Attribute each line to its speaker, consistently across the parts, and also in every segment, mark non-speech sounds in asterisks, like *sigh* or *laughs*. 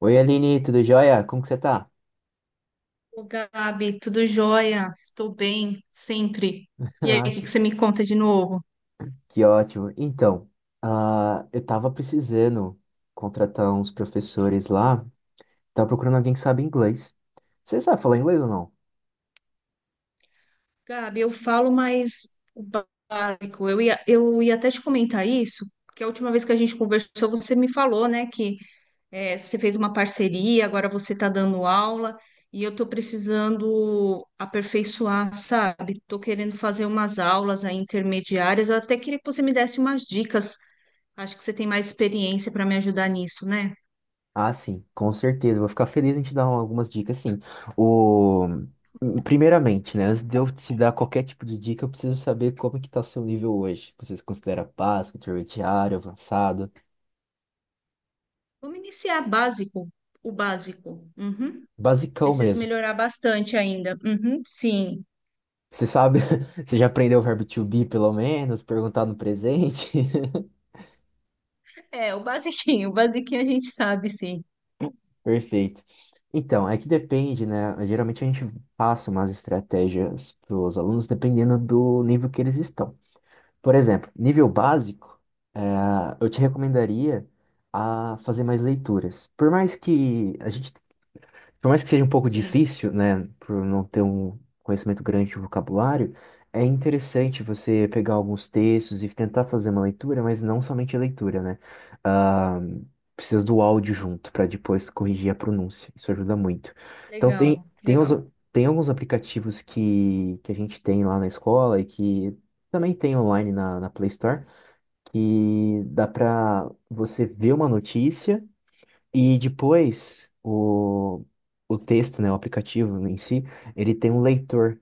Speaker 1: Oi, Aline, tudo jóia? Como que você tá?
Speaker 2: Ô, Gabi, tudo jóia? Estou bem, sempre.
Speaker 1: *laughs*
Speaker 2: E aí, o
Speaker 1: Ah,
Speaker 2: que
Speaker 1: que,
Speaker 2: que você me conta de novo?
Speaker 1: que ótimo. Então, eu tava precisando contratar uns professores lá, tava procurando alguém que sabe inglês. Você sabe falar inglês ou não?
Speaker 2: Gabi, eu falo mais o básico. Eu ia até te comentar isso, porque a última vez que a gente conversou, você me falou, né, que você fez uma parceria, agora você está dando aula, e eu estou precisando aperfeiçoar, sabe? Estou querendo fazer umas aulas aí intermediárias. Eu até queria que você me desse umas dicas. Acho que você tem mais experiência para me ajudar nisso, né?
Speaker 1: Ah, sim, com certeza. Vou ficar feliz em te dar algumas dicas, sim. O... Primeiramente, né, antes de eu te dar qualquer tipo de dica, eu preciso saber como é que tá seu nível hoje. Você se considera básico, intermediário, avançado?
Speaker 2: Vamos iniciar básico, o básico. Uhum.
Speaker 1: Basicão
Speaker 2: Preciso
Speaker 1: mesmo.
Speaker 2: melhorar bastante ainda. Uhum, sim.
Speaker 1: Você sabe, *laughs* você já aprendeu o verbo to be, pelo menos, perguntar no presente?
Speaker 2: É, o basiquinho, *laughs* o basiquinho a gente sabe, sim.
Speaker 1: *laughs* Perfeito. Então, é que depende, né? Geralmente a gente passa umas estratégias para os alunos dependendo do nível que eles estão. Por exemplo, nível básico, eh, eu te recomendaria a fazer mais leituras. Por mais que seja um pouco
Speaker 2: Sim,
Speaker 1: difícil, né, por não ter um conhecimento grande de vocabulário, é interessante você pegar alguns textos e tentar fazer uma leitura, mas não somente a leitura, né? Ah, precisa do áudio junto para depois corrigir a pronúncia. Isso ajuda muito. Então
Speaker 2: legal, legal.
Speaker 1: tem alguns aplicativos que a gente tem lá na escola e que também tem online na, na Play Store, que dá para você ver uma notícia e depois, o texto, né, o aplicativo em si, ele tem um leitor.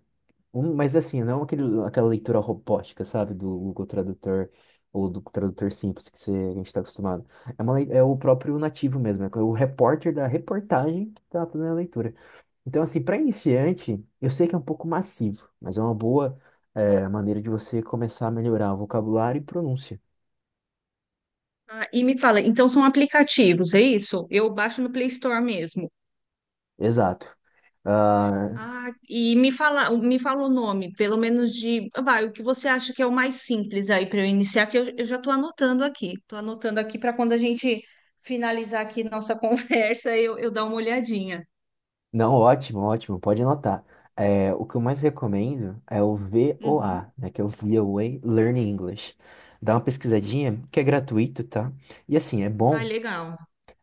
Speaker 1: Mas assim, não aquela leitura robótica, sabe, do Google Tradutor ou do tradutor simples que a gente está acostumado. É, é o próprio nativo mesmo, é o repórter da reportagem que está fazendo a leitura. Então, assim, para iniciante, eu sei que é um pouco massivo, mas é uma boa, maneira de você começar a melhorar o vocabulário e pronúncia.
Speaker 2: Ah, e me fala, então são aplicativos, é isso? Eu baixo no Play Store mesmo.
Speaker 1: Exato. Ah,
Speaker 2: Ah, e me fala o nome, pelo menos de, vai, o que você acha que é o mais simples aí para eu iniciar, que eu já estou anotando aqui. Estou anotando aqui para quando a gente finalizar aqui nossa *laughs* conversa, eu dar uma olhadinha.
Speaker 1: não, ótimo, ótimo, pode anotar. É, o que eu mais recomendo é o
Speaker 2: Uhum.
Speaker 1: VOA, né, que é o VOA Learn English. Dá uma pesquisadinha, que é gratuito, tá? E assim,
Speaker 2: Ah, legal.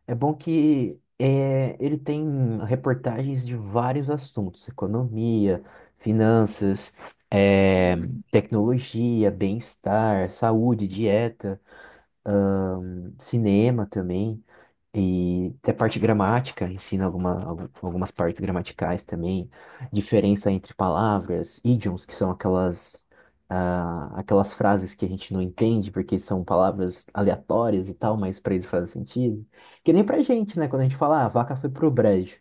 Speaker 1: é bom que é, ele tem reportagens de vários assuntos, economia, finanças, é,
Speaker 2: Hum,
Speaker 1: tecnologia, bem-estar, saúde, dieta, cinema também. E até parte gramática, ensina algumas partes gramaticais também, diferença entre palavras, idioms, que são aquelas frases que a gente não entende porque são palavras aleatórias e tal, mas para eles fazem sentido. Que nem pra gente, né? Quando a gente fala, ah, a vaca foi pro brejo.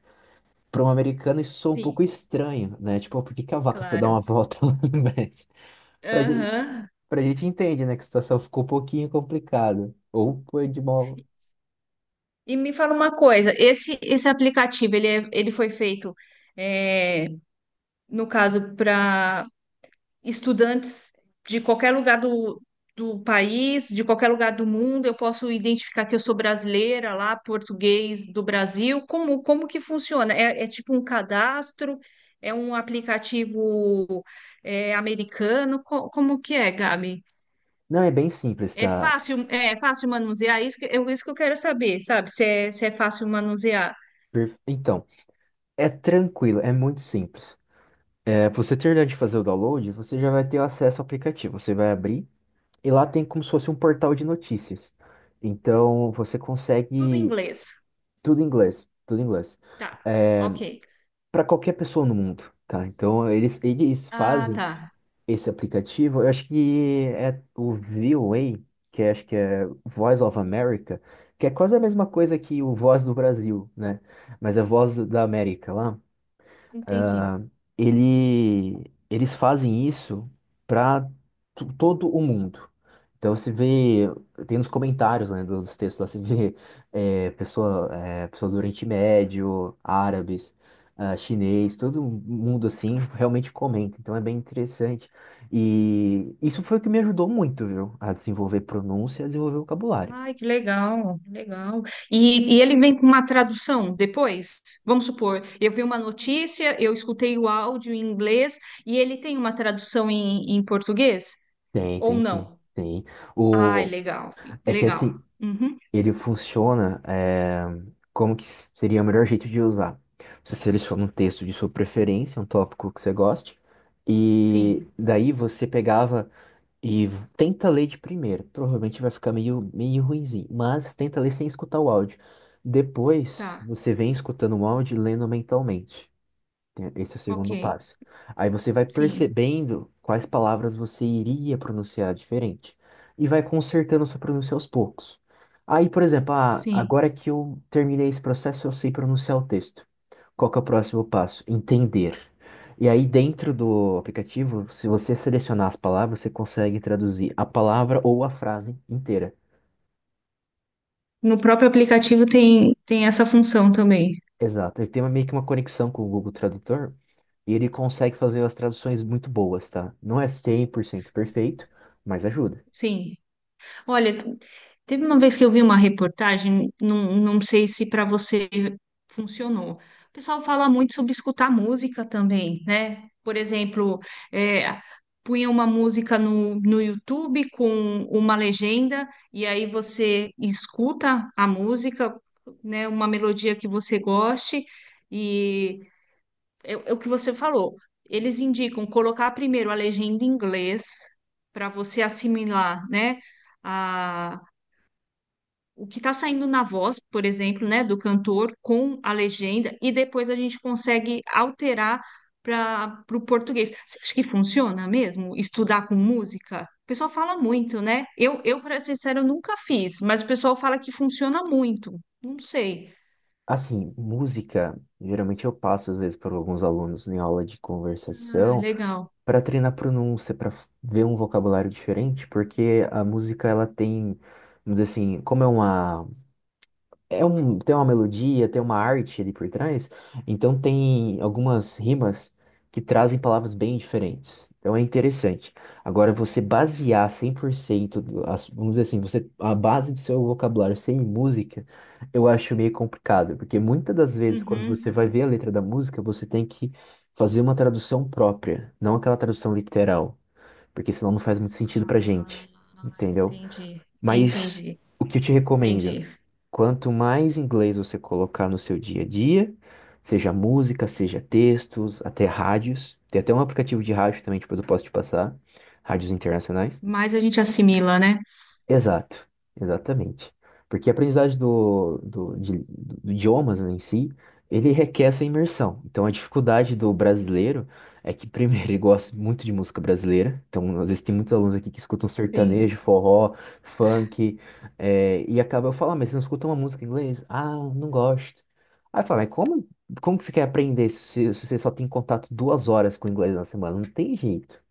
Speaker 1: Para um americano isso soa um
Speaker 2: Sim,
Speaker 1: pouco estranho, né? Tipo, "Ah, por que que a vaca foi dar
Speaker 2: claro.
Speaker 1: uma volta *laughs* lá no brejo? Pra gente,
Speaker 2: Aham.
Speaker 1: pra gente entende, né? Que a situação ficou um pouquinho complicada. Ou foi de mal.
Speaker 2: E me fala uma coisa, esse aplicativo, ele, ele foi feito, é, no caso, para estudantes de qualquer lugar do país, de qualquer lugar do mundo, eu posso identificar que eu sou brasileira lá, português do Brasil, como, como que funciona? É, é tipo um cadastro, é um aplicativo, é, americano, como que é, Gabi?
Speaker 1: Não, é bem simples, tá?
Speaker 2: É fácil manusear? Isso que eu quero saber, sabe? Se é, se é fácil manusear.
Speaker 1: Então. É tranquilo, é muito simples. Você terminar de fazer o download, você já vai ter acesso ao aplicativo. Você vai abrir e lá tem como se fosse um portal de notícias. Então você
Speaker 2: Tudo em
Speaker 1: consegue
Speaker 2: inglês.
Speaker 1: tudo em inglês, tudo em inglês.
Speaker 2: Tá,
Speaker 1: É,
Speaker 2: ok.
Speaker 1: para qualquer pessoa no mundo, tá? Então eles
Speaker 2: Ah,
Speaker 1: fazem
Speaker 2: tá.
Speaker 1: esse aplicativo. Eu acho que é o VOA, acho que é Voice of America, que é quase a mesma coisa que o Voz do Brasil, né? Mas é Voz da América lá.
Speaker 2: Entendi.
Speaker 1: Ah, eles fazem isso para todo o mundo. Então se vê, tem nos comentários, né, dos textos lá, se vê pessoas do Oriente Médio, árabes, chinês, todo mundo assim realmente comenta. Então é bem interessante. E isso foi o que me ajudou muito, viu? A desenvolver pronúncia, a desenvolver vocabulário.
Speaker 2: Ai, que legal, que legal. E ele vem com uma tradução depois? Vamos supor, eu vi uma notícia, eu escutei o áudio em inglês e ele tem uma tradução em, em português?
Speaker 1: Tem,
Speaker 2: Ou
Speaker 1: tem sim.
Speaker 2: não?
Speaker 1: Tem.
Speaker 2: Ai,
Speaker 1: O,
Speaker 2: legal,
Speaker 1: É que
Speaker 2: legal.
Speaker 1: assim,
Speaker 2: Uhum,
Speaker 1: ele funciona como que seria o melhor jeito de usar. Você seleciona um texto de sua preferência, um tópico que você goste, e
Speaker 2: sim,
Speaker 1: daí você pegava tenta ler de primeira. Provavelmente vai ficar meio, meio ruinzinho, mas tenta ler sem escutar o áudio. Depois,
Speaker 2: tá,
Speaker 1: você vem escutando o áudio e lendo mentalmente. Esse é o
Speaker 2: ok.
Speaker 1: segundo passo. Aí você vai
Speaker 2: Sim,
Speaker 1: percebendo quais palavras você iria pronunciar diferente e vai consertando sua pronúncia aos poucos. Aí, por exemplo,
Speaker 2: sim.
Speaker 1: agora que eu terminei esse processo, eu sei pronunciar o texto. Qual que é o próximo passo? Entender. E aí, dentro do aplicativo, se você selecionar as palavras, você consegue traduzir a palavra ou a frase inteira.
Speaker 2: No próprio aplicativo tem, tem essa função também.
Speaker 1: Exato. Ele tem meio que uma conexão com o Google Tradutor, e ele consegue fazer as traduções muito boas, tá? Não é 100% perfeito, mas ajuda.
Speaker 2: Sim. Olha, teve uma vez que eu vi uma reportagem, não, não sei se para você funcionou. O pessoal fala muito sobre escutar música também, né? Por exemplo, é, punha uma música no, no YouTube com uma legenda, e aí você escuta a música, né? Uma melodia que você goste. E é, é o que você falou. Eles indicam colocar primeiro a legenda em inglês para você assimilar, né, a, o que está saindo na voz, por exemplo, né, do cantor com a legenda e depois a gente consegue alterar para o português. Você acha que funciona mesmo estudar com música? O pessoal fala muito, né? Eu para ser sincero, eu nunca fiz, mas o pessoal fala que funciona muito. Não sei.
Speaker 1: Assim, música, geralmente eu passo às vezes para alguns alunos em aula de
Speaker 2: Ah,
Speaker 1: conversação
Speaker 2: legal.
Speaker 1: para treinar pronúncia, para ver um vocabulário diferente, porque a música ela tem, vamos dizer assim, como é uma É um, tem uma melodia, tem uma arte ali por trás, então tem algumas rimas que trazem palavras bem diferentes. Então é interessante. Agora, você basear 100%, vamos dizer assim, a base do seu vocabulário ser em música, eu acho meio complicado, porque muitas das vezes, quando você
Speaker 2: Uhum.
Speaker 1: vai ver a letra da música, você tem que fazer uma tradução própria, não aquela tradução literal, porque senão não faz muito sentido
Speaker 2: Ah,
Speaker 1: pra gente, entendeu?
Speaker 2: entendi,
Speaker 1: Mas
Speaker 2: entendi,
Speaker 1: o que eu te recomendo?
Speaker 2: entendi.
Speaker 1: Quanto mais inglês você colocar no seu dia a dia, seja música, seja textos, até rádios. Tem até um aplicativo de rádio também, depois eu posso te passar, rádios internacionais.
Speaker 2: Mas a gente assimila, né?
Speaker 1: Exato, exatamente. Porque a aprendizagem do idiomas em si, ele requer essa imersão. Então a dificuldade do brasileiro é que, primeiro, *laughs* ele gosta muito de música brasileira. Então, às vezes, tem muitos alunos aqui que escutam
Speaker 2: Sim,
Speaker 1: sertanejo, forró, funk, e acaba eu falar mas você não escuta uma música em inglês? Ah, não gosto. Aí fala, mas como que você quer aprender se você só tem contato 2 horas com o inglês na semana? Não tem jeito,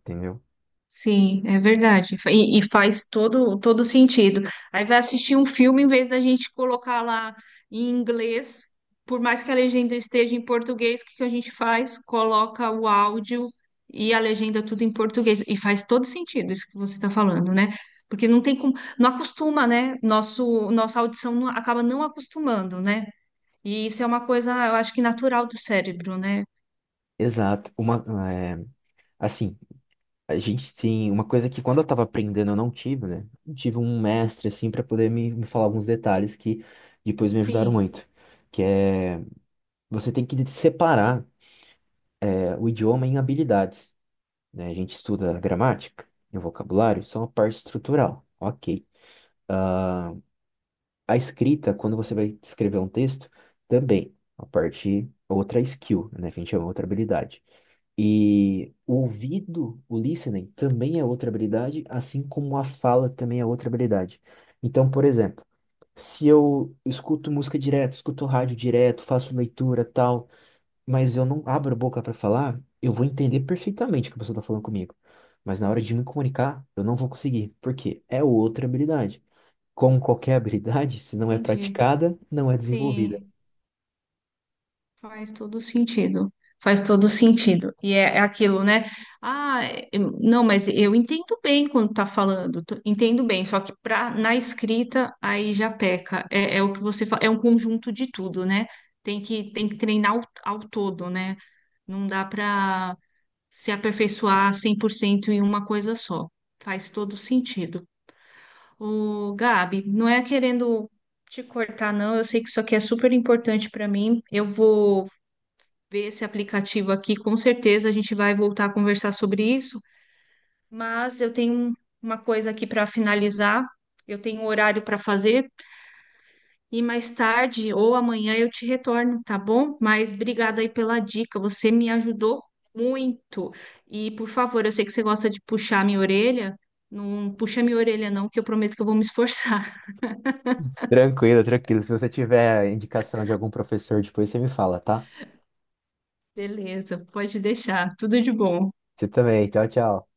Speaker 1: entendeu?
Speaker 2: sim, é verdade. E faz todo, todo sentido. Aí vai assistir um filme em vez da gente colocar lá em inglês, por mais que a legenda esteja em português, o que que a gente faz? Coloca o áudio e a legenda tudo em português. E faz todo sentido isso que você está falando, né? Porque não tem como, não acostuma, né? Nosso, nossa audição acaba não acostumando, né? E isso é uma coisa, eu acho que natural do cérebro, né?
Speaker 1: Exato. Uma, é, assim. A gente tem uma coisa que quando eu estava aprendendo eu não tive, né? Eu tive um mestre assim para poder me falar alguns detalhes que depois me ajudaram
Speaker 2: Sim,
Speaker 1: muito, que é você tem que separar o idioma em habilidades, né? A gente estuda gramática e vocabulário, são a parte estrutural. OK. A escrita, quando você vai escrever um texto, também, outra skill, né, que a gente chama outra habilidade. E o ouvido, o listening, também é outra habilidade, assim como a fala também é outra habilidade. Então, por exemplo, se eu escuto música direto, escuto rádio direto, faço leitura, tal, mas eu não abro a boca para falar, eu vou entender perfeitamente o que a pessoa está falando comigo. Mas na hora de me comunicar, eu não vou conseguir, porque é outra habilidade. Como qualquer habilidade, se não é
Speaker 2: entendi.
Speaker 1: praticada, não é desenvolvida.
Speaker 2: Sim, faz todo sentido. Faz todo sentido. E é, é aquilo, né? Ah, não, mas eu entendo bem quando tá falando, entendo bem, só que pra, na escrita aí já peca. É, é o que você fala, é um conjunto de tudo, né? Tem que treinar ao, ao todo, né? Não dá para se aperfeiçoar 100% em uma coisa só. Faz todo sentido. Ô, Gabi, não é querendo te cortar, não. Eu sei que isso aqui é super importante para mim. Eu vou ver esse aplicativo aqui, com certeza a gente vai voltar a conversar sobre isso, mas eu tenho uma coisa aqui para finalizar. Eu tenho um horário para fazer e mais tarde ou amanhã eu te retorno, tá bom? Mas obrigada aí pela dica, você me ajudou muito. E por favor, eu sei que você gosta de puxar minha orelha, não puxa minha orelha não, que eu prometo que eu vou me esforçar.
Speaker 1: Tranquilo, tranquilo. Se você tiver indicação de algum professor depois, você me fala, tá?
Speaker 2: Beleza, pode deixar. Tudo de bom.
Speaker 1: Você também. Tchau, tchau.